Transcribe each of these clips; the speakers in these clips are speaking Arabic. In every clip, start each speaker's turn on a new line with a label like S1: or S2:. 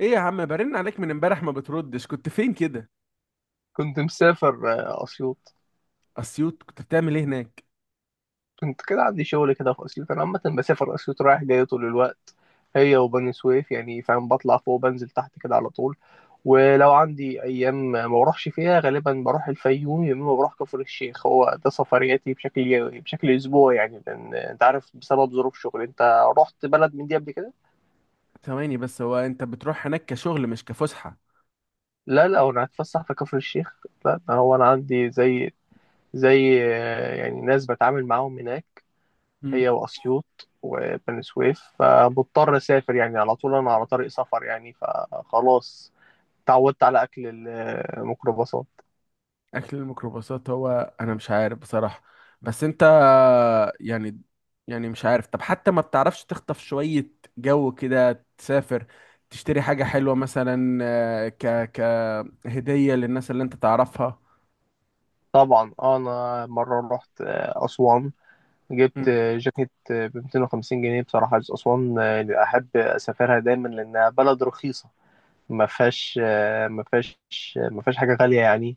S1: ايه يا عم؟ برن عليك من امبارح ما بتردش، كنت فين كده؟
S2: كنت مسافر اسيوط.
S1: اسيوط؟ كنت بتعمل ايه هناك؟
S2: كنت كده عندي شغل كده في اسيوط، انا عامه بسافر اسيوط رايح جاي طول الوقت، هي وبني سويف يعني، فاهم؟ بطلع فوق بنزل تحت كده على طول. ولو عندي ايام ما بروحش فيها غالبا بروح الفيوم يا اما بروح كفر الشيخ. هو ده سفرياتي بشكل يومي بشكل اسبوعي يعني، لان انت عارف بسبب ظروف شغلي. انت رحت بلد من دي قبل كده؟
S1: ثواني بس، هو انت بتروح هناك كشغل مش كفسحة؟
S2: لا لا، انا هتفسح في كفر الشيخ. لا، ده هو انا عندي زي يعني ناس بتعامل معاهم هناك،
S1: امم
S2: هي وأسيوط وبني سويف، فمضطر أسافر يعني على طول. أنا على طريق سفر يعني، فخلاص اتعودت على أكل الميكروباصات.
S1: اكل الميكروباصات؟ هو انا مش عارف بصراحة. بس انت يعني يعني مش عارف. طب حتى ما بتعرفش تخطف شوية جو كده، تسافر، تشتري حاجة حلوة مثلا، كهدية للناس اللي انت تعرفها؟
S2: طبعا أنا مرة رحت أسوان، جبت جاكيت ب 250 جنيه بصراحة. أسوان أحب أسافرها دايما لأنها بلد رخيصة، ما فيهاش ما فيهاش ما فيهاش حاجة غالية يعني.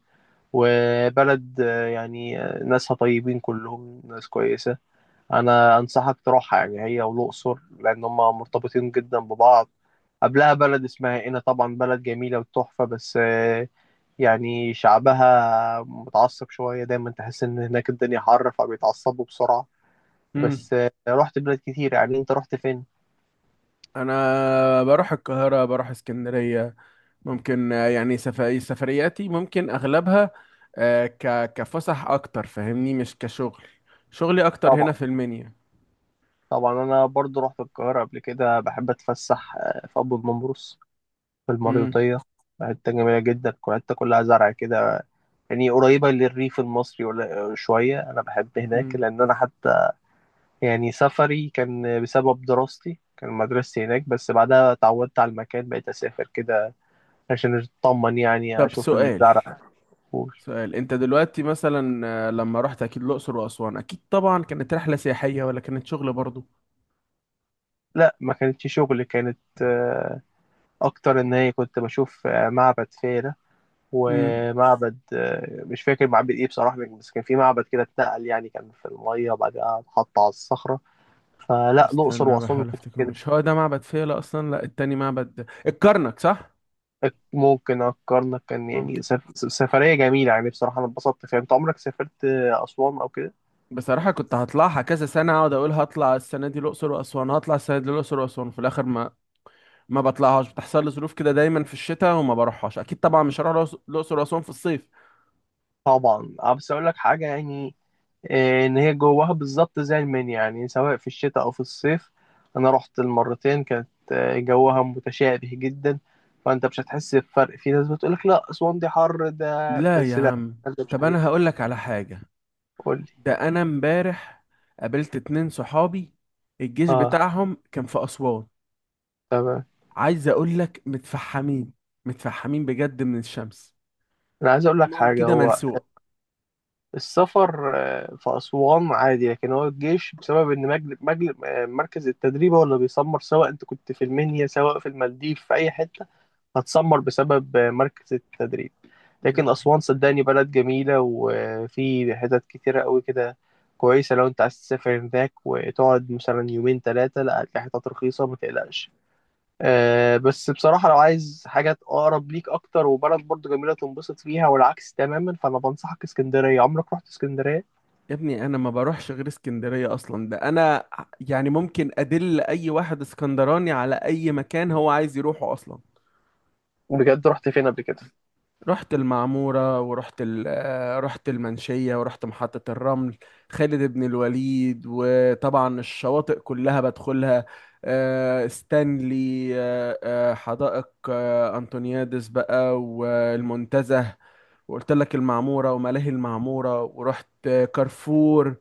S2: وبلد يعني ناسها طيبين، كلهم ناس كويسة. انا انصحك تروحها يعني، هي والاقصر، لان هما مرتبطين جدا ببعض. قبلها بلد اسمها قنا، طبعا بلد جميله وتحفه، بس يعني شعبها متعصب شويه، دايما تحس ان هناك الدنيا حر فبيتعصبوا بسرعه.
S1: امم
S2: بس رحت بلاد كتير يعني. انت رحت فين؟
S1: انا بروح القاهره، بروح اسكندريه. ممكن يعني سفرياتي ممكن اغلبها كفسح اكتر، فاهمني؟ مش كشغل. شغلي اكتر هنا
S2: طبعا
S1: في المنيا.
S2: طبعا انا برضو رحت القاهره قبل كده. بحب اتفسح في ابو النمرس، في
S1: امم
S2: المريوطيه. حته جميله جدا، الحته كلها زرع كده، يعني قريبة للريف المصري ولا شوية. أنا بحب هناك
S1: امم
S2: لأن أنا حتى يعني سفري كان بسبب دراستي، كان مدرستي هناك، بس بعدها اتعودت على المكان، بقيت أسافر كده عشان أطمن يعني
S1: طب
S2: أشوف
S1: سؤال،
S2: الزرع.
S1: انت دلوقتي مثلا لما رحت اكيد الاقصر واسوان، اكيد طبعا كانت رحله سياحيه ولا كانت شغل برضو؟
S2: لا ما كانتش شغل، كانت أكتر إن هي كنت بشوف معبد فيلة،
S1: امم
S2: ومعبد مش فاكر معبد إيه بصراحة، بس كان في معبد كده اتنقل يعني، كان في المية وبعدها اتحط على الصخرة. فلا، الأقصر
S1: استنى
S2: وأسوان
S1: بحاول
S2: كنت
S1: افتكر،
S2: كده.
S1: مش هو ده معبد فيلة اصلا؟ لا، التاني معبد الكرنك صح.
S2: ممكن أفكرنا كان يعني
S1: ممكن.
S2: سفرية جميلة يعني، بصراحة أنا اتبسطت فيها. أنت عمرك سافرت أسوان أو كده؟
S1: بصراحة كنت هطلعها كذا سنة، اقعد اقول هطلع السنة دي الأقصر وأسوان، هطلع السنة دي الأقصر وأسوان، في الآخر ما ما بطلعهاش. بتحصل لي ظروف كده دايما في الشتاء وما بروحهاش، أكيد طبعا مش هروح الأقصر وأسوان في الصيف.
S2: طبعا أه، بس أقول لك حاجة يعني، إن هي جواها بالظبط زي المنيا يعني، سواء في الشتاء أو في الصيف. أنا رحت المرتين كانت جوها متشابه جدا، فأنت مش هتحس بفرق. في ناس بتقول لك لا أسوان دي حر، ده
S1: لا يا
S2: بس لا،
S1: عم.
S2: ده مش
S1: طب
S2: حقيقي.
S1: أنا هقول لك على حاجة،
S2: قول لي.
S1: ده أنا امبارح قابلت اتنين صحابي، الجيش
S2: أه،
S1: بتاعهم كان في أسوان.
S2: تمام.
S1: عايز أقول لك متفحمين، متفحمين بجد من الشمس،
S2: أنا عايز أقول لك
S1: جسمهم
S2: حاجة.
S1: كده
S2: هو
S1: ملسوع.
S2: السفر في أسوان عادي، لكن هو الجيش بسبب إن مجل... مجل... آه، مركز التدريب هو اللي بيسمر، سواء أنت كنت في المنيا سواء في المالديف في أي حتة هتسمر بسبب مركز التدريب. لكن أسوان صدقني بلد جميلة، وفي حتت كتيرة قوي كده كويسة، لو أنت عايز تسافر هناك وتقعد مثلا يومين تلاتة. لا، هتلاقي حتت رخيصة ما تقلقش. آه، بس بصراحة لو عايز حاجة أقرب ليك أكتر، وبلد برضو جميلة تنبسط فيها والعكس تماما، فأنا بنصحك اسكندرية. عمرك رحت اسكندرية؟
S1: يا ابني انا ما بروحش غير اسكندريه اصلا، ده انا يعني ممكن ادل اي واحد اسكندراني على اي مكان هو عايز يروحه اصلا.
S2: بجد رحت فين قبل كده؟
S1: رحت المعموره ورحت رحت المنشيه ورحت محطه الرمل، خالد بن الوليد، وطبعا الشواطئ كلها بدخلها. ستانلي، حدائق انطونيادس بقى، والمنتزه، وقلت لك المعموره وملاهي المعموره، ورحت كارفور.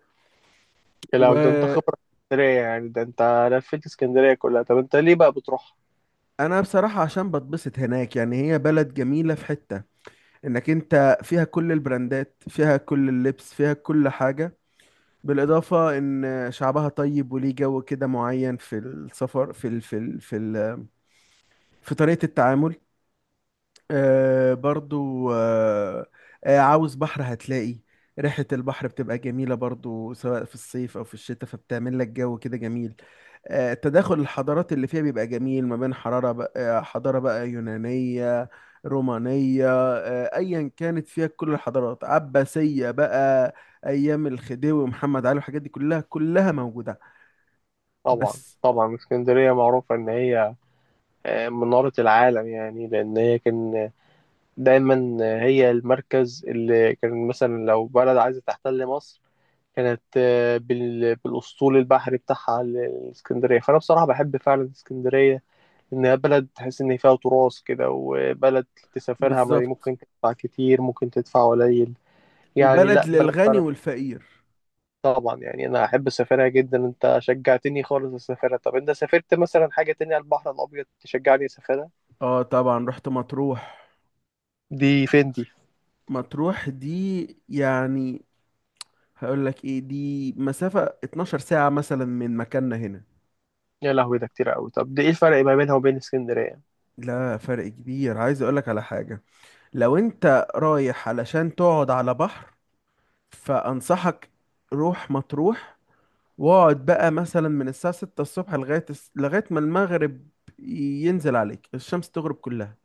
S2: يا، لو ده أنت
S1: و
S2: خبرة في اسكندرية يعني، ده أنت لفيت اسكندرية كلها. طب أنت ليه بقى بتروح؟
S1: انا بصراحة عشان بتبسط هناك، يعني هي بلد جميلة، في حتة انك انت فيها كل البراندات، فيها كل اللبس، فيها كل حاجة، بالاضافة ان شعبها طيب وليه جو كده معين في السفر، في ال في طريقة التعامل. آه برضو آه آه عاوز بحر؟ هتلاقي ريحة البحر بتبقى جميلة برضو سواء في الصيف أو في الشتاء، فبتعمل لك جو كده جميل. آه تداخل الحضارات اللي فيها بيبقى جميل، ما بين حرارة بقى، حضارة بقى يونانية، رومانية، آه أيا كانت، فيها كل الحضارات، عباسية بقى، أيام الخديوي ومحمد علي والحاجات دي كلها، كلها موجودة.
S2: طبعا
S1: بس.
S2: طبعا، اسكندرية معروفة إن هي منارة العالم يعني، لأن هي كان دايما هي المركز اللي كان، مثلا لو بلد عايزة تحتل مصر كانت بالاسطول البحري بتاعها الاسكندريه. فانا بصراحه بحب فعلا اسكندريه، انها بلد تحس ان فيها تراث كده، وبلد تسافرها
S1: بالظبط.
S2: ممكن تدفع كتير ممكن تدفع قليل يعني،
S1: وبلد
S2: لا بلد
S1: للغني
S2: فعلا.
S1: والفقير.
S2: طبعا، يعني انا احب اسافرها جدا. انت شجعتني خالص اسافرها. طب انت سافرت مثلا حاجه تانية على البحر الابيض تشجعني اسافرها؟
S1: اه طبعا، رحت مطروح.
S2: دي فين دي؟
S1: مطروح دي يعني هقول لك ايه، دي مسافة 12 ساعة مثلا من مكاننا هنا.
S2: يا لهوي، ده كتير قوي. طب دي ايه الفرق ما بينها وبين اسكندريه؟
S1: لا، فرق كبير، عايز اقول لك على حاجة، لو انت رايح علشان تقعد على بحر فانصحك روح مطروح، واقعد بقى مثلا من الساعة 6 الصبح لغاية لغاية ما المغرب ينزل عليك، الشمس تغرب كلها.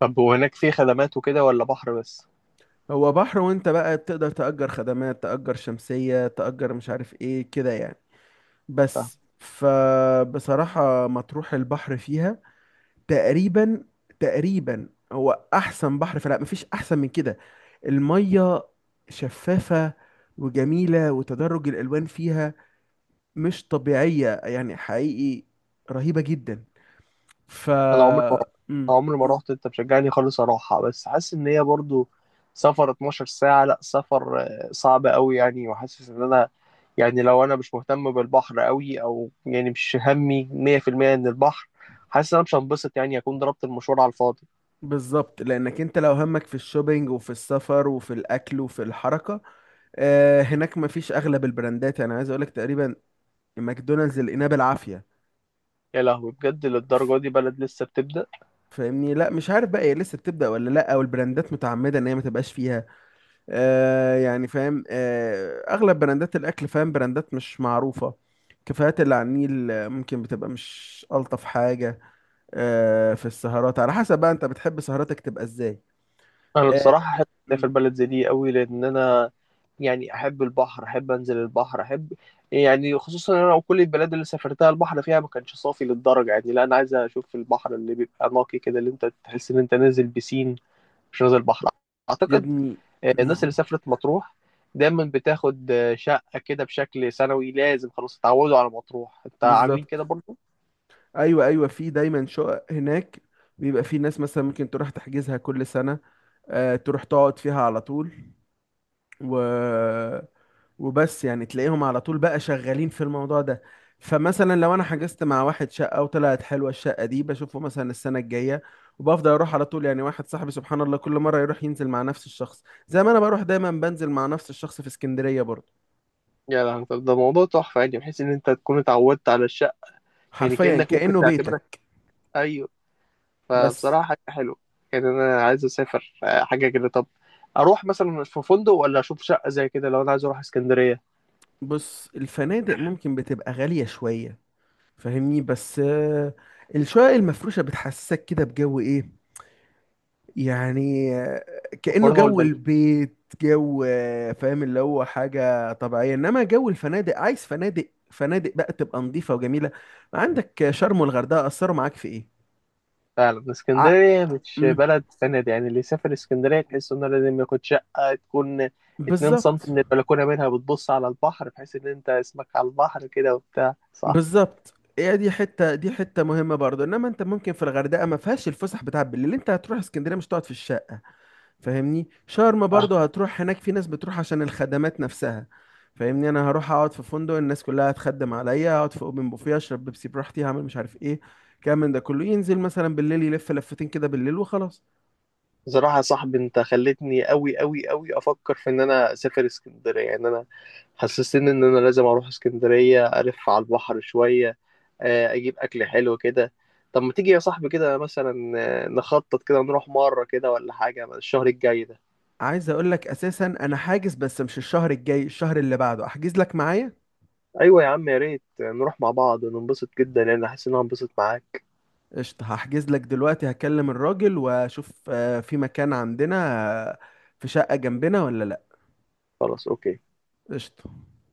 S2: طب وهناك في خدمات وكده ولا بحر بس؟
S1: هو بحر، وانت بقى بتقدر تأجر خدمات، تأجر شمسية، تأجر مش عارف ايه كده يعني. بس فبصراحة مطروح البحر فيها تقريبا، تقريبا هو أحسن بحر، فلا مفيش أحسن من كده. المية شفافة وجميلة، وتدرج الألوان فيها مش طبيعية يعني حقيقي، رهيبة جدا. ف
S2: انا عمري ما رحت.
S1: مم.
S2: أنا عمري ما رحت، انت مشجعني خالص اروحها، بس حاسس ان هي برضو سفر 12 ساعة، لا سفر صعب قوي يعني. وحاسس ان انا يعني، لو انا مش مهتم بالبحر قوي، او يعني مش همي 100% ان البحر، حاسس ان انا مش هنبسط يعني، اكون ضربت المشوار على الفاضي.
S1: بالظبط، لأنك أنت لو همك في الشوبينج وفي السفر وفي الأكل وفي الحركة، هناك مفيش أغلب البراندات، أنا عايز أقولك تقريبا ماكدونالدز اللي لقيناه بالعافية.
S2: يا لهوي، بجد للدرجة دي بلد لسه بتبدأ؟
S1: فاهمني؟ لا مش عارف بقى هي لسه بتبدأ ولا لا، او البراندات متعمدة ان هي ما تبقاش فيها. آه يعني فاهم، آه، اغلب براندات الاكل فاهم، براندات مش معروفة. كافيهات اللي على النيل ممكن بتبقى مش ألطف حاجة. آه في السهرات على حسب بقى، انت بتحب سهراتك تبقى ازاي؟
S2: انا
S1: آه
S2: بصراحه احب اسافر
S1: مم،
S2: بلد زي دي قوي، لان انا يعني احب البحر، احب انزل البحر، احب يعني خصوصا إن انا وكل البلاد اللي سافرتها البحر فيها ما كانش صافي للدرجه يعني. لا انا عايز اشوف البحر اللي بيبقى نقي كده، اللي انت تحس ان انت نازل بسين مش نازل بحر.
S1: يا
S2: اعتقد
S1: ابني
S2: الناس اللي
S1: مم،
S2: سافرت مطروح دايما بتاخد شقه كده بشكل سنوي، لازم خلاص اتعودوا على مطروح. انت عاملين كده
S1: بالظبط.
S2: برضه؟
S1: ايوه ايوه، في دايما شقق هناك، بيبقى في ناس مثلا ممكن تروح تحجزها كل سنة، تروح تقعد فيها على طول، و وبس يعني تلاقيهم على طول بقى شغالين في الموضوع ده. فمثلا لو انا حجزت مع واحد شقة وطلعت حلوة الشقة دي، بشوفه مثلا السنة الجاية وبفضل اروح على طول. يعني واحد صاحبي سبحان الله كل مرة يروح ينزل مع نفس الشخص، زي ما انا بروح دايما بنزل مع نفس الشخص في اسكندرية برضه.
S2: يا لهوي، طب ده موضوع تحفه يعني، بحيث ان انت تكون اتعودت على الشقه يعني
S1: حرفيا
S2: كانك ممكن
S1: كأنه
S2: تعتبرها.
S1: بيتك.
S2: ايوه،
S1: بس
S2: فبصراحة حاجة حلوة يعني. أنا عايز أسافر حاجة كده. طب أروح مثلا في فندق ولا أشوف شقة زي كده، لو أنا عايز أروح اسكندرية؟
S1: بص الفنادق ممكن بتبقى غالية شوية، فاهمني؟ بس الشقق المفروشة بتحسسك كده بجو ايه يعني، كأنه
S2: مقارنة
S1: جو
S2: والبنين.
S1: البيت، جو فاهم اللي هو حاجة طبيعية، انما جو الفنادق، عايز فنادق، فنادق بقى تبقى نظيفة وجميلة. عندك شرم والغردقة أثروا معاك في ايه؟
S2: فعلا
S1: ع...
S2: اسكندرية مش
S1: مم.
S2: بلد فند يعني، اللي يسافر اسكندرية تحس إنه لازم ياخد شقة تكون اتنين
S1: بالظبط،
S2: سنتي من البلكونة منها بتبص على البحر، بحيث إن أنت اسمك على البحر كده وبتاع، صح؟
S1: بالظبط هي دي حتة، دي حتة مهمة برضو، انما انت ممكن في الغردقة ما فيهاش الفسح بتاع بالليل، انت هتروح اسكندرية مش تقعد في الشارع، فاهمني؟ شرم برضه
S2: آه.
S1: هتروح هناك، في ناس بتروح عشان الخدمات نفسها. فاهمني؟ انا هروح اقعد في فندق، الناس كلها هتخدم عليا، اقعد في اوبن بوفيه اشرب بيبسي براحتي، هعمل مش عارف ايه. كام من ده كله ينزل مثلا بالليل يلف لفتين كده بالليل وخلاص.
S2: بصراحة يا صاحبي أنت خلتني أوي أوي أوي أفكر في إن أنا أسافر اسكندرية. يعني أنا حسستني ان انا لازم اروح اسكندرية الف على البحر شوية، اجيب اكل حلو كده. طب ما تيجي يا صاحبي كده مثلا، نخطط كده نروح مرة كده ولا حاجة الشهر الجاي ده؟
S1: عايز اقول لك اساسا انا حاجز، بس مش الشهر الجاي، الشهر اللي بعده احجز لك معايا.
S2: ايوه يا عم، يا ريت نروح مع بعض وننبسط جدا، لان حاسس ان انا هنبسط معاك.
S1: قشطة، هحجز لك دلوقتي، هكلم الراجل واشوف في مكان عندنا، آه، في شقة جنبنا ولا لا.
S2: خلاص، اوكي.
S1: قشطة.